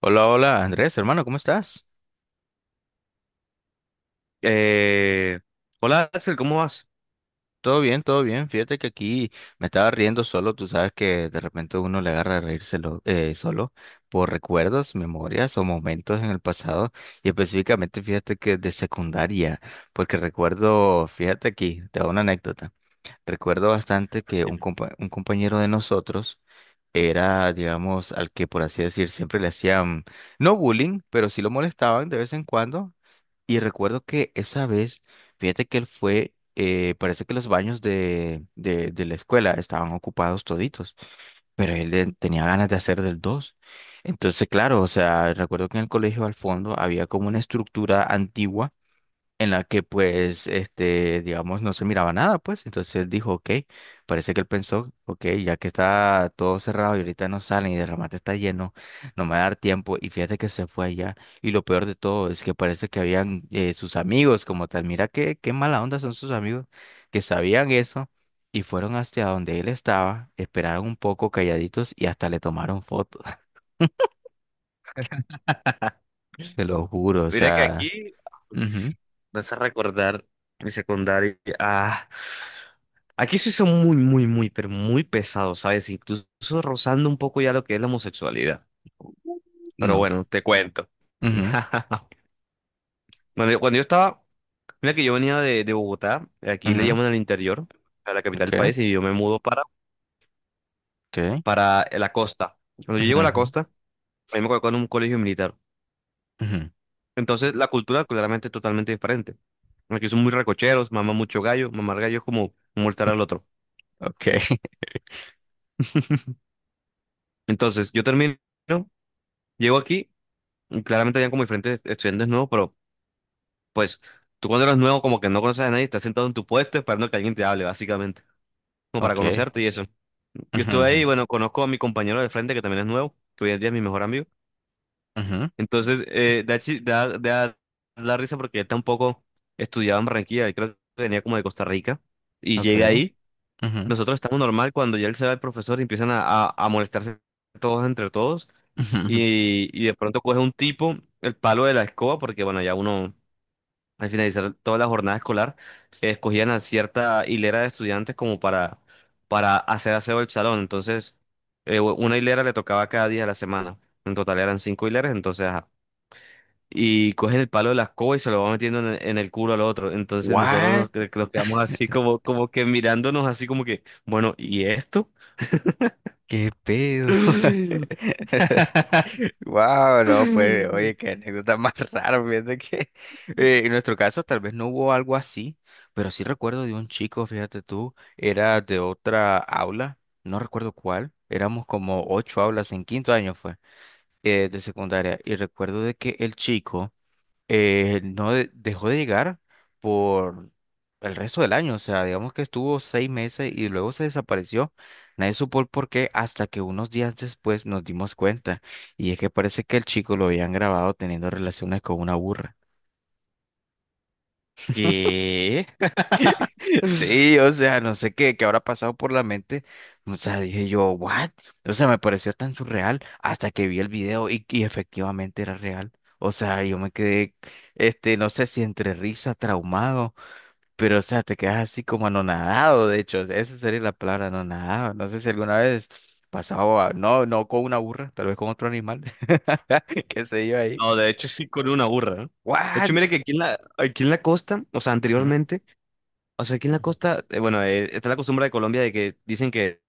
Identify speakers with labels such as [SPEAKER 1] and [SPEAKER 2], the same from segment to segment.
[SPEAKER 1] Hola, hola, Andrés, hermano, ¿cómo estás?
[SPEAKER 2] Eh, Hola Axel, ¿cómo vas?
[SPEAKER 1] Todo bien, todo bien. Fíjate que aquí me estaba riendo solo. Tú sabes que de repente uno le agarra a reírselo solo por recuerdos, memorias o momentos en el pasado. Y específicamente, fíjate que de secundaria, porque recuerdo, fíjate aquí, te hago una anécdota. Recuerdo bastante que
[SPEAKER 2] Dime.
[SPEAKER 1] un compañero de nosotros era, digamos, al que por así decir siempre le hacían, no bullying, pero sí lo molestaban de vez en cuando. Y recuerdo que esa vez, fíjate que él fue, parece que los baños de la escuela estaban ocupados toditos, pero tenía ganas de hacer del dos. Entonces, claro, o sea, recuerdo que en el colegio al fondo había como una estructura antigua en la que pues, este, digamos, no se miraba nada, pues. Entonces él dijo, ok, parece que él pensó, ok, ya que está todo cerrado y ahorita no salen y de remate está lleno, no me va a dar tiempo. Y fíjate que se fue allá. Y lo peor de todo es que parece que habían sus amigos como tal. Mira qué mala onda son sus amigos que sabían eso. Y fueron hacia donde él estaba, esperaron un poco calladitos y hasta le tomaron fotos. Te lo juro, o
[SPEAKER 2] Mira que
[SPEAKER 1] sea,
[SPEAKER 2] aquí
[SPEAKER 1] ujú,
[SPEAKER 2] vas a recordar mi secundaria. Ah, aquí sí son muy, muy, muy, pero muy pesados, ¿sabes? Incluso rozando un poco ya lo que es la homosexualidad. Pero
[SPEAKER 1] no,
[SPEAKER 2] bueno, te cuento.
[SPEAKER 1] ujú,
[SPEAKER 2] Bueno, cuando yo estaba, mira que yo venía de Bogotá, aquí le
[SPEAKER 1] ujú,
[SPEAKER 2] llaman al interior, a la capital del
[SPEAKER 1] ok,
[SPEAKER 2] país, y yo me mudo
[SPEAKER 1] ok,
[SPEAKER 2] para la costa. Cuando yo
[SPEAKER 1] ujú,
[SPEAKER 2] llego a la
[SPEAKER 1] ujú.
[SPEAKER 2] costa, a mí me colocó en un colegio militar.
[SPEAKER 1] Ujú.
[SPEAKER 2] Entonces, la cultura claramente es totalmente diferente. Aquí son muy recocheros, maman mucho gallo, mamar gallo es como molestar al otro.
[SPEAKER 1] Okay.
[SPEAKER 2] Entonces, yo termino, llego aquí, y claramente habían como diferentes estudiantes nuevos, pero pues tú cuando eres nuevo como que no conoces a nadie, estás sentado en tu puesto esperando que alguien te hable, básicamente, como para
[SPEAKER 1] Okay.
[SPEAKER 2] conocerte y eso. Yo
[SPEAKER 1] Ujú,
[SPEAKER 2] estuve
[SPEAKER 1] ujú,
[SPEAKER 2] ahí, bueno, conozco a mi compañero de frente que también es nuevo, que hoy en día es mi mejor amigo.
[SPEAKER 1] ujú.
[SPEAKER 2] Entonces, da, chi- da, da, da risa porque él tampoco estudiaba en Barranquilla, él creo que venía como de Costa Rica y llega
[SPEAKER 1] Okay.
[SPEAKER 2] ahí.
[SPEAKER 1] Ujú,
[SPEAKER 2] Nosotros estamos normal cuando ya él se va el profesor y empiezan a molestarse todos entre todos.
[SPEAKER 1] ujú. Ujú.
[SPEAKER 2] Y de pronto coge un tipo el palo de la escoba, porque bueno, ya uno al finalizar toda la jornada escolar escogían a cierta hilera de estudiantes como para hacer aseo del salón. Entonces, una hilera le tocaba cada día de la semana. En total eran cinco hileras, entonces ajá, y cogen el palo de la escoba y se lo va metiendo en el culo al otro. Entonces nosotros
[SPEAKER 1] What?
[SPEAKER 2] que nos quedamos así como, como que mirándonos así como que, bueno, ¿y esto?
[SPEAKER 1] ¿Qué pedo? Wow, no, pues, oye, qué anécdota más rara, fíjate que en nuestro caso tal vez no hubo algo así, pero sí recuerdo de un chico, fíjate tú, era de otra aula, no recuerdo cuál, éramos como ocho aulas en quinto año fue, de secundaria, y recuerdo de que el chico no dejó de llegar por el resto del año, o sea, digamos que estuvo 6 meses y luego se desapareció. Nadie supo el por qué hasta que unos días después nos dimos cuenta. Y es que parece que el chico lo habían grabado teniendo relaciones con una burra.
[SPEAKER 2] ¿Qué?
[SPEAKER 1] Sí, o sea, no sé qué habrá pasado por la mente. O sea, dije yo, ¿what? O sea, me pareció tan surreal hasta que vi el video y efectivamente era real. O sea, yo me quedé, este, no sé si entre risa, traumado. Pero, o sea, te quedas así como anonadado, de hecho, esa sería la palabra anonadado. No sé si alguna vez pasado, no, no con una burra, tal vez con otro animal, qué sé yo ahí.
[SPEAKER 2] No, de hecho sí con una burra, ¿no? De hecho,
[SPEAKER 1] What?
[SPEAKER 2] mire que aquí en aquí en la costa, o sea,
[SPEAKER 1] Ujú,
[SPEAKER 2] anteriormente, o sea, aquí en la
[SPEAKER 1] ujú.
[SPEAKER 2] costa, bueno, está la costumbre de Colombia de que dicen que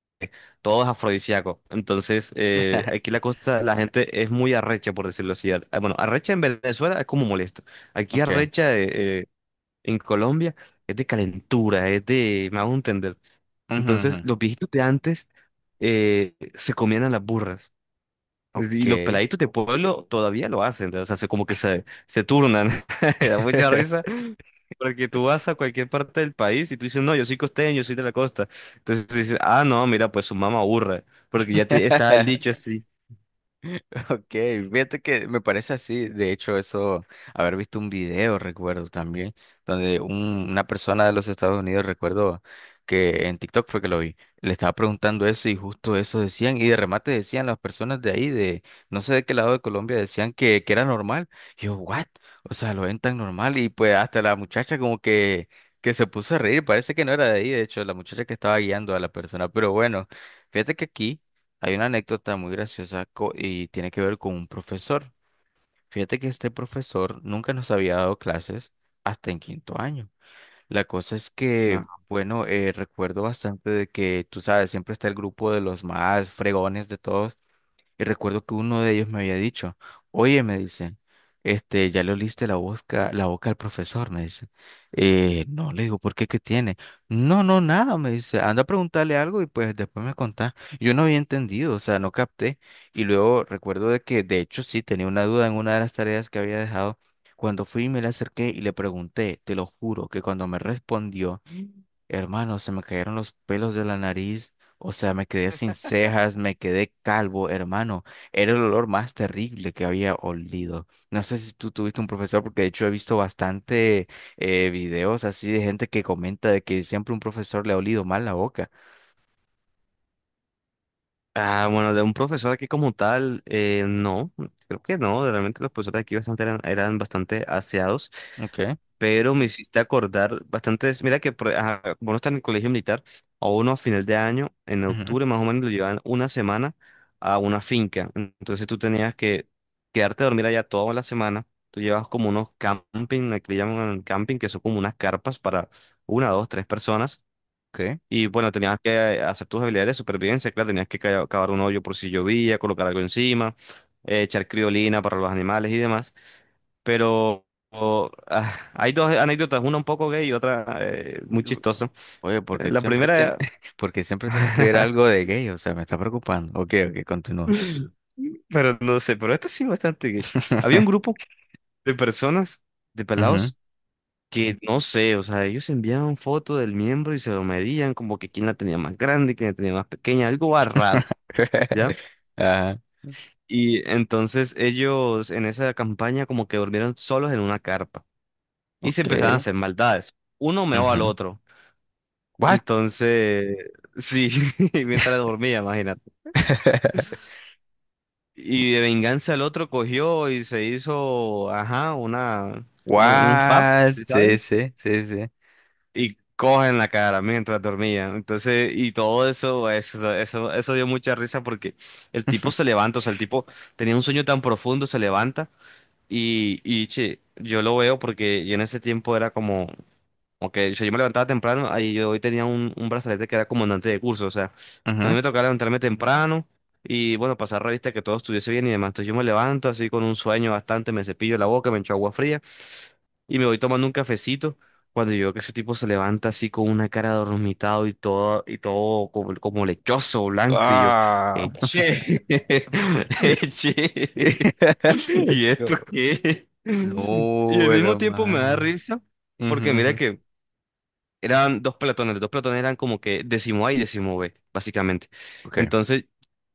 [SPEAKER 2] todo es afrodisíaco. Entonces, aquí la cosa, la gente es muy arrecha, por decirlo así. Bueno, arrecha en Venezuela es como molesto. Aquí
[SPEAKER 1] Okay.
[SPEAKER 2] arrecha en Colombia es de calentura, es de, me hago entender.
[SPEAKER 1] Ujú, ujú.
[SPEAKER 2] Entonces, los viejitos de antes se comían a las burras. Y los
[SPEAKER 1] Okay.
[SPEAKER 2] peladitos de pueblo todavía lo hacen, ¿no? O sea, se, como que se turnan. Da mucha risa. Porque tú vas a cualquier parte del país y tú dices, no, yo soy costeño, yo soy de la costa. Entonces dices, ah, no, mira, pues su mamá aburre. Porque ya te, está el dicho así.
[SPEAKER 1] Ok, fíjate que me parece así. De hecho, eso, haber visto un video, recuerdo también, donde una persona de los Estados Unidos, recuerdo que en TikTok fue que lo vi, le estaba preguntando eso y justo eso decían, y de remate decían las personas de ahí, de no sé de qué lado de Colombia, decían que era normal. Y yo, ¿what? O sea, lo ven tan normal y pues hasta la muchacha como que se puso a reír, parece que no era de ahí, de hecho, la muchacha que estaba guiando a la persona, pero bueno. Fíjate que aquí hay una anécdota muy graciosa y tiene que ver con un profesor. Fíjate que este profesor nunca nos había dado clases hasta en quinto año. La cosa es que, bueno, recuerdo bastante de que, tú sabes, siempre está el grupo de los más fregones de todos y recuerdo que uno de ellos me había dicho, oye, me dice, este, ya le oliste la boca al profesor, me dice. "No, le digo, ¿por qué? ¿Qué tiene? No, no, nada, me dice, anda a preguntarle algo y pues después me contás. Yo no había entendido, o sea, no capté. Y luego recuerdo de que, de hecho, sí, tenía una duda en una de las tareas que había dejado. Cuando fui, me le acerqué y le pregunté, te lo juro, que cuando me respondió, hermano, se me cayeron los pelos de la nariz, o sea, me quedé sin cejas, me quedé calvo, hermano. Era el olor más terrible que había olido. No sé si tú tuviste un profesor, porque de hecho he visto bastante videos así de gente que comenta de que siempre un profesor le ha olido mal la boca.
[SPEAKER 2] Ah, bueno, de un profesor aquí como tal, no, creo que no, realmente los profesores aquí bastante eran, eran bastante aseados,
[SPEAKER 1] Okay.
[SPEAKER 2] pero me hiciste acordar bastantes, mira que ajá, como uno está en el colegio militar, a uno a final de año, en
[SPEAKER 1] Ujú.
[SPEAKER 2] octubre más o menos lo llevan una semana a una finca, entonces tú tenías que quedarte a dormir allá toda la semana, tú llevas como unos camping, aquí le llaman camping, que son como unas carpas para una, dos, tres personas.
[SPEAKER 1] Okay.
[SPEAKER 2] Y bueno, tenías que hacer tus habilidades de supervivencia, claro, tenías que cavar un hoyo por si llovía, colocar algo encima, echar criolina para los animales y demás. Pero hay dos anécdotas, una un poco gay y otra muy
[SPEAKER 1] Mm.
[SPEAKER 2] chistosa.
[SPEAKER 1] Oye, porque
[SPEAKER 2] La
[SPEAKER 1] siempre tiene,
[SPEAKER 2] primera,
[SPEAKER 1] porque siempre tiene que ver algo de gay, o sea, me está preocupando. Ok, ok, continúa.
[SPEAKER 2] pero no sé, pero esto sí bastante gay. Había un grupo de personas, de
[SPEAKER 1] Ujú.
[SPEAKER 2] pelados, que no sé, o sea, ellos enviaban foto del miembro y se lo medían, como que quién la tenía más grande, quién la tenía más pequeña, algo raro.
[SPEAKER 1] Ajá,
[SPEAKER 2] Y entonces ellos en esa campaña como que durmieron solos en una carpa y se empezaron a
[SPEAKER 1] ok.
[SPEAKER 2] hacer maldades. Uno meó al
[SPEAKER 1] Ujú.
[SPEAKER 2] otro.
[SPEAKER 1] What?
[SPEAKER 2] Entonces, sí, mientras dormía, imagínate. Y de venganza el otro cogió y se hizo, ajá, una, como un fab,
[SPEAKER 1] What?
[SPEAKER 2] ¿sí
[SPEAKER 1] Sí,
[SPEAKER 2] sabes?
[SPEAKER 1] sí, sí, sí.
[SPEAKER 2] Y coge en la cara mientras dormía. Entonces, y todo eso dio mucha risa porque el tipo se levanta, o sea, el tipo tenía un sueño tan profundo, se levanta. Y che, yo lo veo porque yo en ese tiempo era como, ok, o sea, yo me levantaba temprano, ahí yo hoy tenía un brazalete que era comandante de curso, o sea, a mí
[SPEAKER 1] Ujú.
[SPEAKER 2] me tocaba levantarme temprano y bueno, pasar revista que todo estuviese bien y demás. Entonces yo me levanto así con un sueño bastante, me cepillo la boca, me echo agua fría y me voy tomando un cafecito. Cuando yo veo que ese tipo se levanta así con una cara dormitado y todo como, como lechoso, blanco, y yo,
[SPEAKER 1] Ah.
[SPEAKER 2] che, che, ¿y esto
[SPEAKER 1] No,
[SPEAKER 2] qué? Y
[SPEAKER 1] no,
[SPEAKER 2] al mismo tiempo me da
[SPEAKER 1] hermano.
[SPEAKER 2] risa,
[SPEAKER 1] Ujú,
[SPEAKER 2] porque mira
[SPEAKER 1] ujú.
[SPEAKER 2] que eran dos pelotones, los dos pelotones eran como que décimo A y décimo B, básicamente.
[SPEAKER 1] Ok.
[SPEAKER 2] Entonces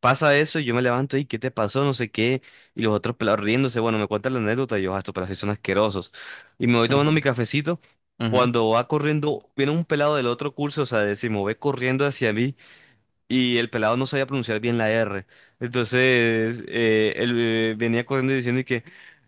[SPEAKER 2] pasa eso y yo me levanto y ¿qué te pasó? No sé qué. Y los otros pelados riéndose, bueno, me cuentan la anécdota y yo, "Ah, estos pelados sí son asquerosos". Y me voy tomando mi cafecito.
[SPEAKER 1] Ujú.
[SPEAKER 2] Cuando va corriendo, viene un pelado del otro curso, o sea, décimo B, corriendo hacia mí y el pelado no sabía pronunciar bien la R. Entonces, él venía corriendo y diciendo y que,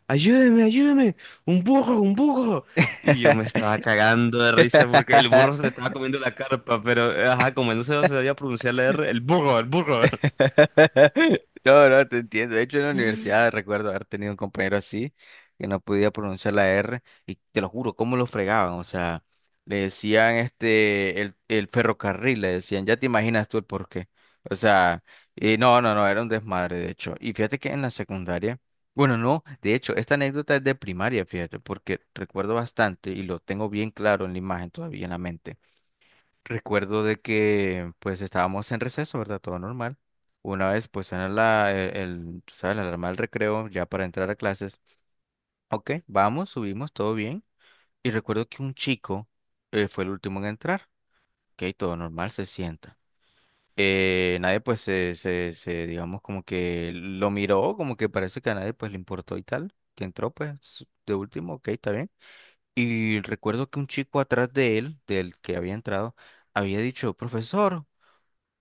[SPEAKER 2] ayúdeme, ayúdeme, un burro, un burro. Y yo me estaba cagando de risa porque el burro se le estaba comiendo la carpa, pero, ajá, como él no se sabía pronunciar la R, el burro, el burro.
[SPEAKER 1] No, no, te entiendo. De hecho, en la universidad recuerdo haber tenido un compañero así que no podía pronunciar la R y te lo juro, cómo lo fregaban. O sea, le decían este, el ferrocarril, le decían, ya te imaginas tú el porqué. O sea, y no, no, no, era un desmadre, de hecho. Y fíjate que en la secundaria, bueno, no, de hecho, esta anécdota es de primaria, fíjate, porque recuerdo bastante y lo tengo bien claro en la imagen todavía en la mente. Recuerdo de que pues estábamos en receso, ¿verdad? Todo normal. Una vez pues suena el, tú sabes, la alarma del recreo ya para entrar a clases. Ok, vamos, subimos, todo bien. Y recuerdo que un chico fue el último en entrar. Ok, todo normal, se sienta. Nadie pues se, digamos como que lo miró, como que parece que a nadie pues le importó y tal. Que entró pues de último, ok, está bien. Y recuerdo que un chico atrás de él, del que había entrado, había dicho, profesor.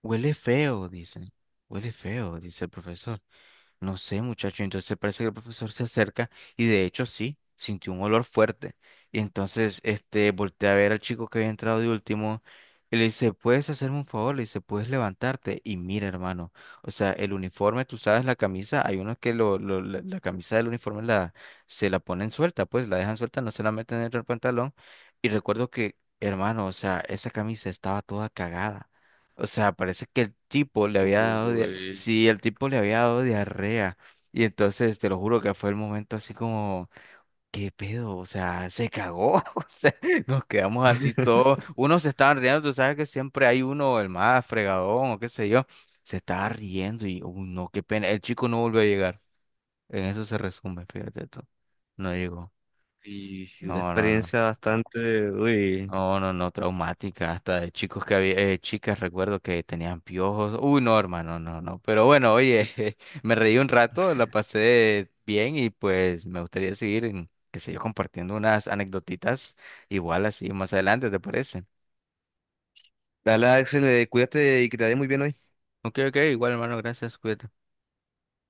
[SPEAKER 1] Huele feo, dicen. Huele feo, dice el profesor. No sé, muchacho. Entonces parece que el profesor se acerca y de hecho sí, sintió un olor fuerte. Y entonces este voltea a ver al chico que había entrado de último y le dice, ¿puedes hacerme un favor? Le dice, ¿puedes levantarte? Y mira, hermano, o sea, el uniforme, tú sabes, la camisa, hay unos que la camisa del uniforme la, se la ponen suelta, pues la dejan suelta, no se la meten dentro del pantalón. Y recuerdo que, hermano, o sea, esa camisa estaba toda cagada. O sea, parece que el tipo le había dado,
[SPEAKER 2] Uy,
[SPEAKER 1] sí, el tipo le había dado diarrea. Y entonces te lo juro que fue el momento así como, ¿qué pedo? O sea, se cagó. O sea, nos quedamos así todos. Unos se estaban riendo, tú sabes que siempre hay uno, el más fregadón o qué sé yo, se estaba riendo y, uy, no, qué pena. El chico no volvió a llegar. En eso se resume, fíjate tú. No llegó.
[SPEAKER 2] y sí, una
[SPEAKER 1] No, no, no.
[SPEAKER 2] experiencia bastante, uy.
[SPEAKER 1] No, no, no, traumática, hasta de chicos que había, chicas recuerdo que tenían piojos. Uy, no, hermano, no, no. Pero bueno, oye, me reí un rato, la pasé bien y pues me gustaría seguir, en, qué sé yo, compartiendo unas anecdotitas igual así más adelante, ¿te parece?
[SPEAKER 2] Dale, Axel, cuídate y que te vaya muy bien hoy.
[SPEAKER 1] Ok, ok, igual hermano, gracias, cuídate.